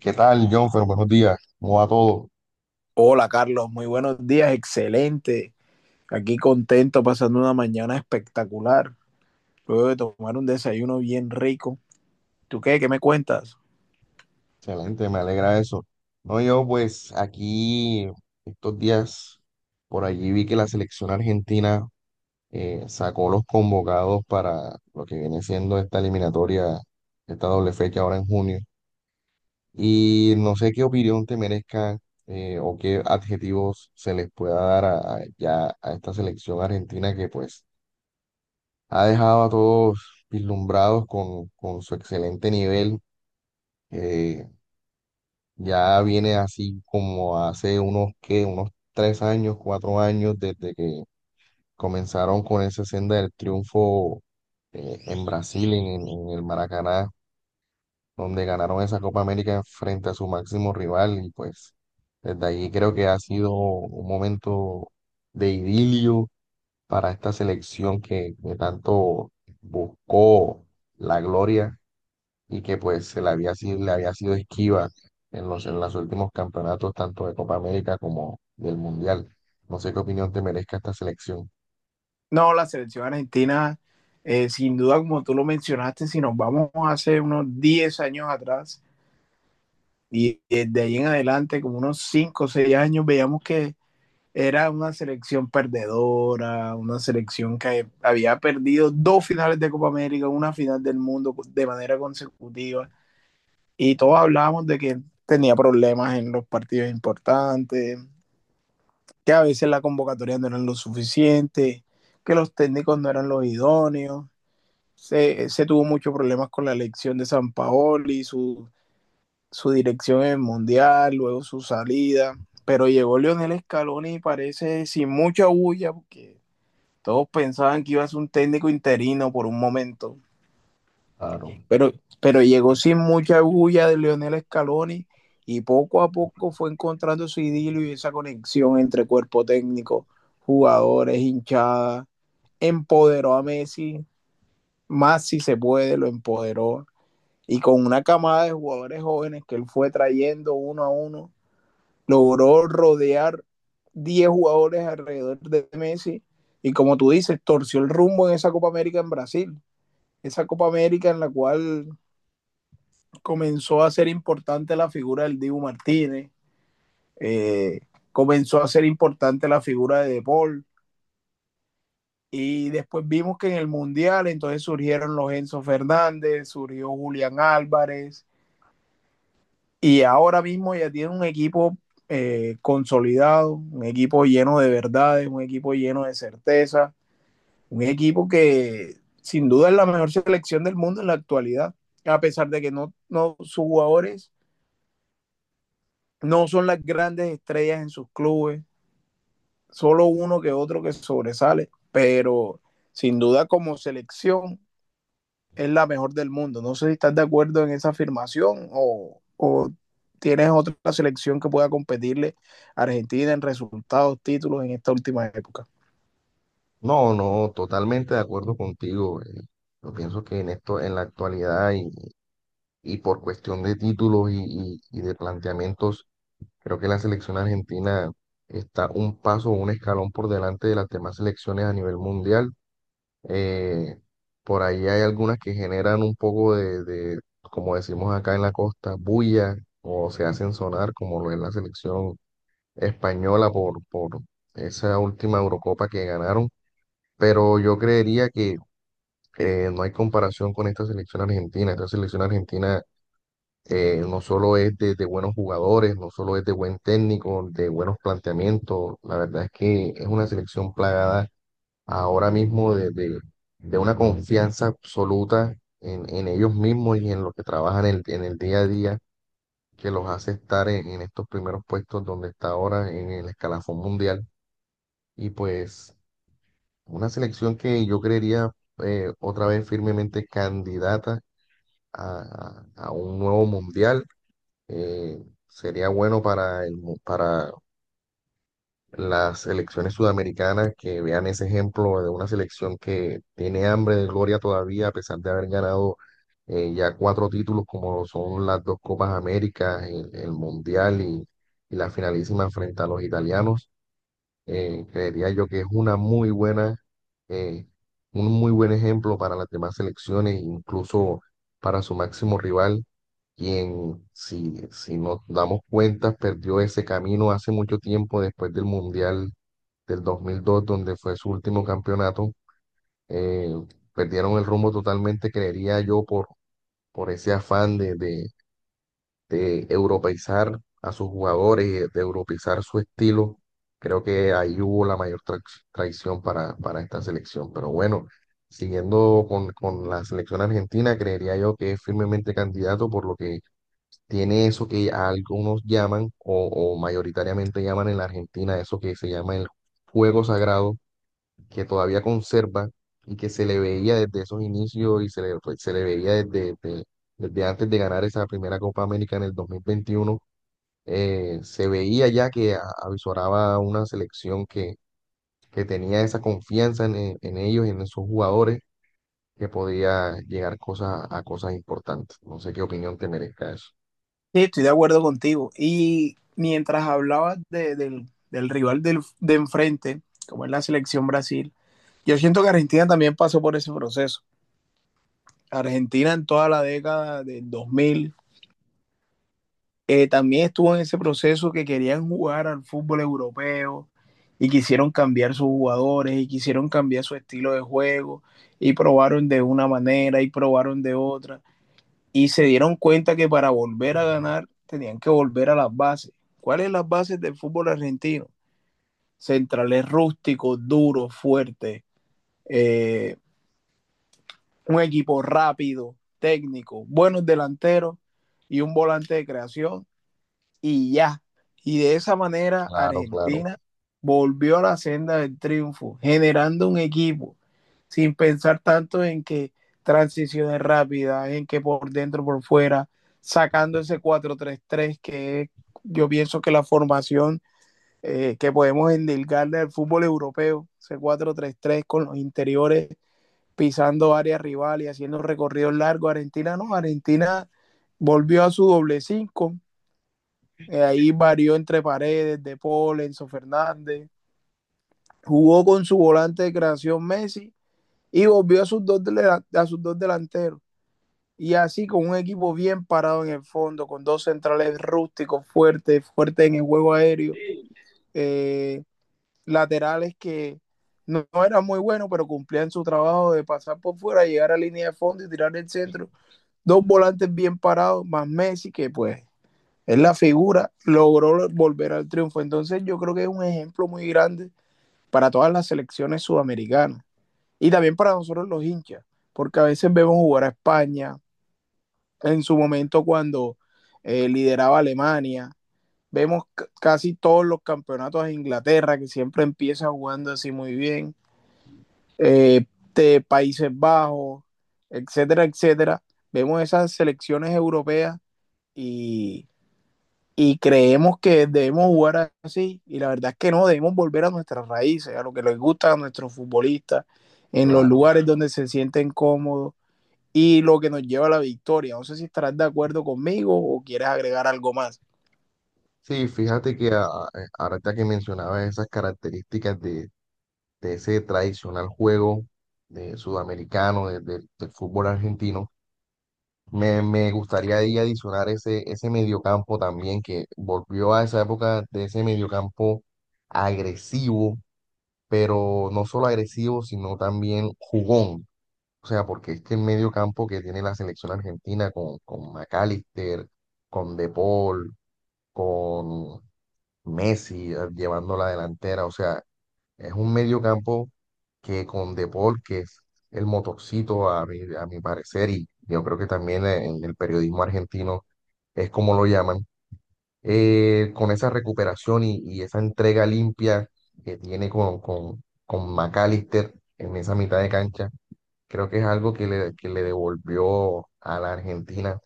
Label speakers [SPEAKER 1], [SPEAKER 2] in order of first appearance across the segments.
[SPEAKER 1] ¿Qué tal, John? Buenos días. ¿Cómo va todo?
[SPEAKER 2] Hola Carlos, muy buenos días, excelente. Aquí contento, pasando una mañana espectacular. Luego de tomar un desayuno bien rico. ¿Tú qué? ¿Qué me cuentas?
[SPEAKER 1] Excelente, me alegra eso. No, yo pues aquí estos días por allí vi que la selección argentina sacó los convocados para lo que viene siendo esta eliminatoria, esta doble fecha ahora en junio. Y no sé qué opinión te merezca o qué adjetivos se les pueda dar ya a esta selección argentina que pues ha dejado a todos vislumbrados con su excelente nivel. eh, Ya viene así como hace unos tres años, cuatro años desde que comenzaron con esa senda del triunfo en Brasil, en el Maracaná, donde ganaron esa Copa América frente a su máximo rival y pues desde ahí creo que ha sido un momento de idilio para esta selección que tanto buscó la gloria y que pues se le había sido esquiva en en los últimos campeonatos, tanto de Copa América como del Mundial. No sé qué opinión te merezca esta selección,
[SPEAKER 2] No, la selección argentina, sin duda, como tú lo mencionaste, si nos vamos hace unos 10 años atrás y desde ahí en adelante, como unos 5 o 6 años, veíamos que era una selección perdedora, una selección que había perdido dos finales de Copa América, una final del mundo de manera consecutiva. Y todos hablábamos de que tenía problemas en los partidos importantes, que a veces la convocatoria no era lo suficiente, que los técnicos no eran los idóneos. Se tuvo muchos problemas con la elección de San Paoli, su dirección en el Mundial, luego su salida. Pero llegó Lionel Scaloni y parece sin mucha bulla, porque todos pensaban que iba a ser un técnico interino por un momento.
[SPEAKER 1] claro.
[SPEAKER 2] Pero, pero llegó sin mucha bulla de Lionel Scaloni, y poco a poco fue encontrando su idilio y esa conexión entre cuerpo técnico, jugadores, hinchada. Empoderó a Messi, más si se puede, lo empoderó. Y con una camada de jugadores jóvenes que él fue trayendo uno a uno, logró rodear 10 jugadores alrededor de Messi. Y como tú dices, torció el rumbo en esa Copa América en Brasil. Esa Copa América en la cual comenzó a ser importante la figura del Dibu Martínez, eh, comenzó a ser importante la figura de De Paul, y después vimos que en el Mundial entonces surgieron los Enzo Fernández, surgió Julián Álvarez, y ahora mismo ya tiene un equipo consolidado, un equipo lleno de verdades, un equipo lleno de certeza, un equipo que sin duda es la mejor selección del mundo en la actualidad, a pesar de que no, no sus jugadores no son las grandes estrellas en sus clubes, solo uno que otro que sobresale, pero sin duda como selección es la mejor del mundo. No sé si estás de acuerdo en esa afirmación o tienes otra selección que pueda competirle a Argentina en resultados, títulos en esta última época.
[SPEAKER 1] No, no, totalmente de acuerdo contigo. Yo pienso que en esto, en la actualidad y por cuestión de títulos y de planteamientos, creo que la selección argentina está un paso, un escalón por delante de las demás selecciones a nivel mundial. Eh, por ahí hay algunas que generan un poco como decimos acá en la costa, bulla o se hacen sonar, como lo es la selección española por esa última Eurocopa que ganaron. Pero yo creería que no hay comparación con esta selección argentina. Esta selección argentina no solo es de buenos jugadores, no solo es de buen técnico, de buenos planteamientos. La verdad es que es una selección plagada ahora mismo de una confianza absoluta en ellos mismos y en lo que trabajan en en el día a día, que los hace estar en estos primeros puestos donde está ahora en el escalafón mundial. Y pues una selección que yo creería otra vez firmemente candidata a un nuevo mundial. eh, Sería bueno para para las selecciones sudamericanas que vean ese ejemplo de una selección que tiene hambre de gloria todavía, a pesar de haber ganado ya cuatro títulos como son las dos Copas Américas, el Mundial y la finalísima frente a los italianos. Creería yo que es una muy buena, eh, un muy buen ejemplo para las demás selecciones, incluso para su máximo rival, quien, si nos damos cuenta, perdió ese camino hace mucho tiempo después del Mundial del dos mil dos, donde fue su último campeonato. eh, Perdieron el rumbo totalmente, creería yo, por ese afán de europeizar a sus jugadores, y de europeizar su estilo. Creo que ahí hubo la mayor traición para esta selección. Pero bueno, siguiendo con la selección argentina, creería yo que es firmemente candidato por lo que tiene eso que algunos llaman o mayoritariamente llaman en la Argentina, eso que se llama el juego sagrado que todavía conserva y que se le veía desde esos inicios y se le veía desde antes de ganar esa primera Copa América en el 2021. Se veía ya que avizoraba una selección que tenía esa confianza en, en ellos, en esos jugadores, que podía llegar a cosas importantes. No sé qué opinión te merezca eso.
[SPEAKER 2] Sí, estoy de acuerdo contigo. Y mientras hablabas del rival de enfrente, como es la selección Brasil, yo siento que Argentina también pasó por ese proceso. Argentina en toda la década del 2000 también estuvo en ese proceso que querían jugar al fútbol europeo, y quisieron cambiar sus jugadores y quisieron cambiar su estilo de juego, y probaron de una manera y probaron de otra, y se dieron cuenta que para volver a ganar tenían que volver a las bases. ¿Cuáles son las bases del fútbol argentino? Centrales rústicos, duros, fuertes, eh, un equipo rápido, técnico, buenos delanteros y un volante de creación, y ya. Y de esa manera
[SPEAKER 1] Claro, claro,
[SPEAKER 2] Argentina volvió a la senda del triunfo, generando un equipo sin pensar tanto en que transiciones rápidas, en que por dentro, por fuera, sacando ese 4-3-3 que es, yo pienso que la formación que podemos endilgarle al fútbol europeo, ese 4-3-3 con los interiores pisando áreas rivales y haciendo recorridos largos. Argentina no, Argentina volvió a su doble cinco, ahí varió entre paredes, De Paul, Enzo Fernández, jugó con su volante de creación Messi y volvió a sus dos, delanteros. Y así con un equipo bien parado en el fondo, con dos centrales rústicos fuertes, fuertes en el juego aéreo, eh, laterales que no, no eran muy buenos, pero cumplían su trabajo de pasar por fuera, llegar a línea de fondo y tirar el centro, dos volantes bien parados, más Messi, que pues es la figura, logró volver al triunfo. Entonces yo creo que es un ejemplo muy grande para todas las selecciones sudamericanas y también para nosotros los hinchas, porque a veces vemos jugar a España, en su momento cuando lideraba Alemania, vemos casi todos los campeonatos de Inglaterra que siempre empieza jugando así muy bien, eh, de Países Bajos, etcétera, etcétera. Vemos esas selecciones europeas y y creemos que debemos jugar así, y la verdad es que no, debemos volver a nuestras raíces, a lo que les gusta a nuestros futbolistas, en los
[SPEAKER 1] claro.
[SPEAKER 2] lugares donde se sienten cómodos, y lo que nos lleva a la victoria. No sé si estarás de acuerdo conmigo o quieres agregar algo más.
[SPEAKER 1] Sí, fíjate que ahorita que mencionabas esas características de ese tradicional juego de sudamericano, del fútbol argentino. Me gustaría ahí adicionar ese mediocampo también, que volvió a esa época de ese mediocampo agresivo, pero no solo agresivo, sino también jugón. O sea, porque es que el mediocampo que tiene la selección argentina con McAllister, con De Paul, con Messi llevando la delantera, o sea, es un mediocampo que con De Paul, que es el motorcito a a mi parecer, y yo creo que también en el periodismo argentino es como lo llaman, con esa recuperación y esa entrega limpia que tiene con McAllister en esa mitad de cancha. Creo que es algo que que le devolvió a la Argentina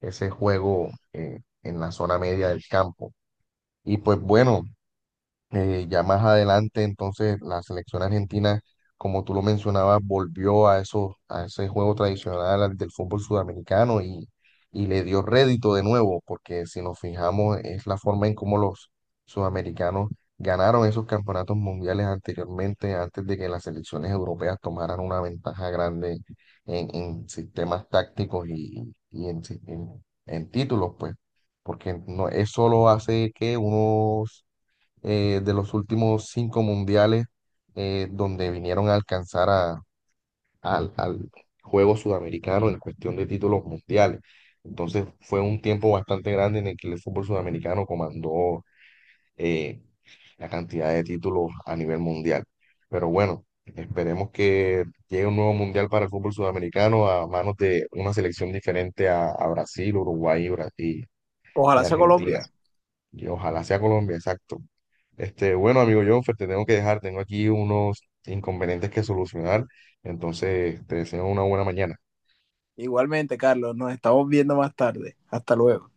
[SPEAKER 1] ese juego en la zona media del campo. Y pues bueno, ya más adelante, entonces, la selección argentina, como tú lo mencionabas, volvió a ese juego tradicional al del fútbol sudamericano y le dio rédito de nuevo, porque si nos fijamos, es la forma en cómo los sudamericanos ganaron esos campeonatos mundiales anteriormente, antes de que las selecciones europeas tomaran una ventaja grande en sistemas tácticos y en, en títulos, pues, porque no, eso lo hace que unos de los últimos 5 mundiales donde vinieron a alcanzar al, al juego sudamericano en cuestión de títulos mundiales. Entonces fue un tiempo bastante grande en el que el fútbol sudamericano comandó eh, la cantidad de títulos a nivel mundial. Pero bueno, esperemos que llegue un nuevo mundial para el fútbol sudamericano a manos de una selección diferente a Brasil, Uruguay y y
[SPEAKER 2] Ojalá sea
[SPEAKER 1] Argentina.
[SPEAKER 2] Colombia.
[SPEAKER 1] Y ojalá sea Colombia, exacto. Este, bueno, amigo Jonfer, te tengo que dejar, tengo aquí unos inconvenientes que solucionar, entonces te deseo una buena mañana.
[SPEAKER 2] Igualmente, Carlos, nos estamos viendo más tarde. Hasta luego.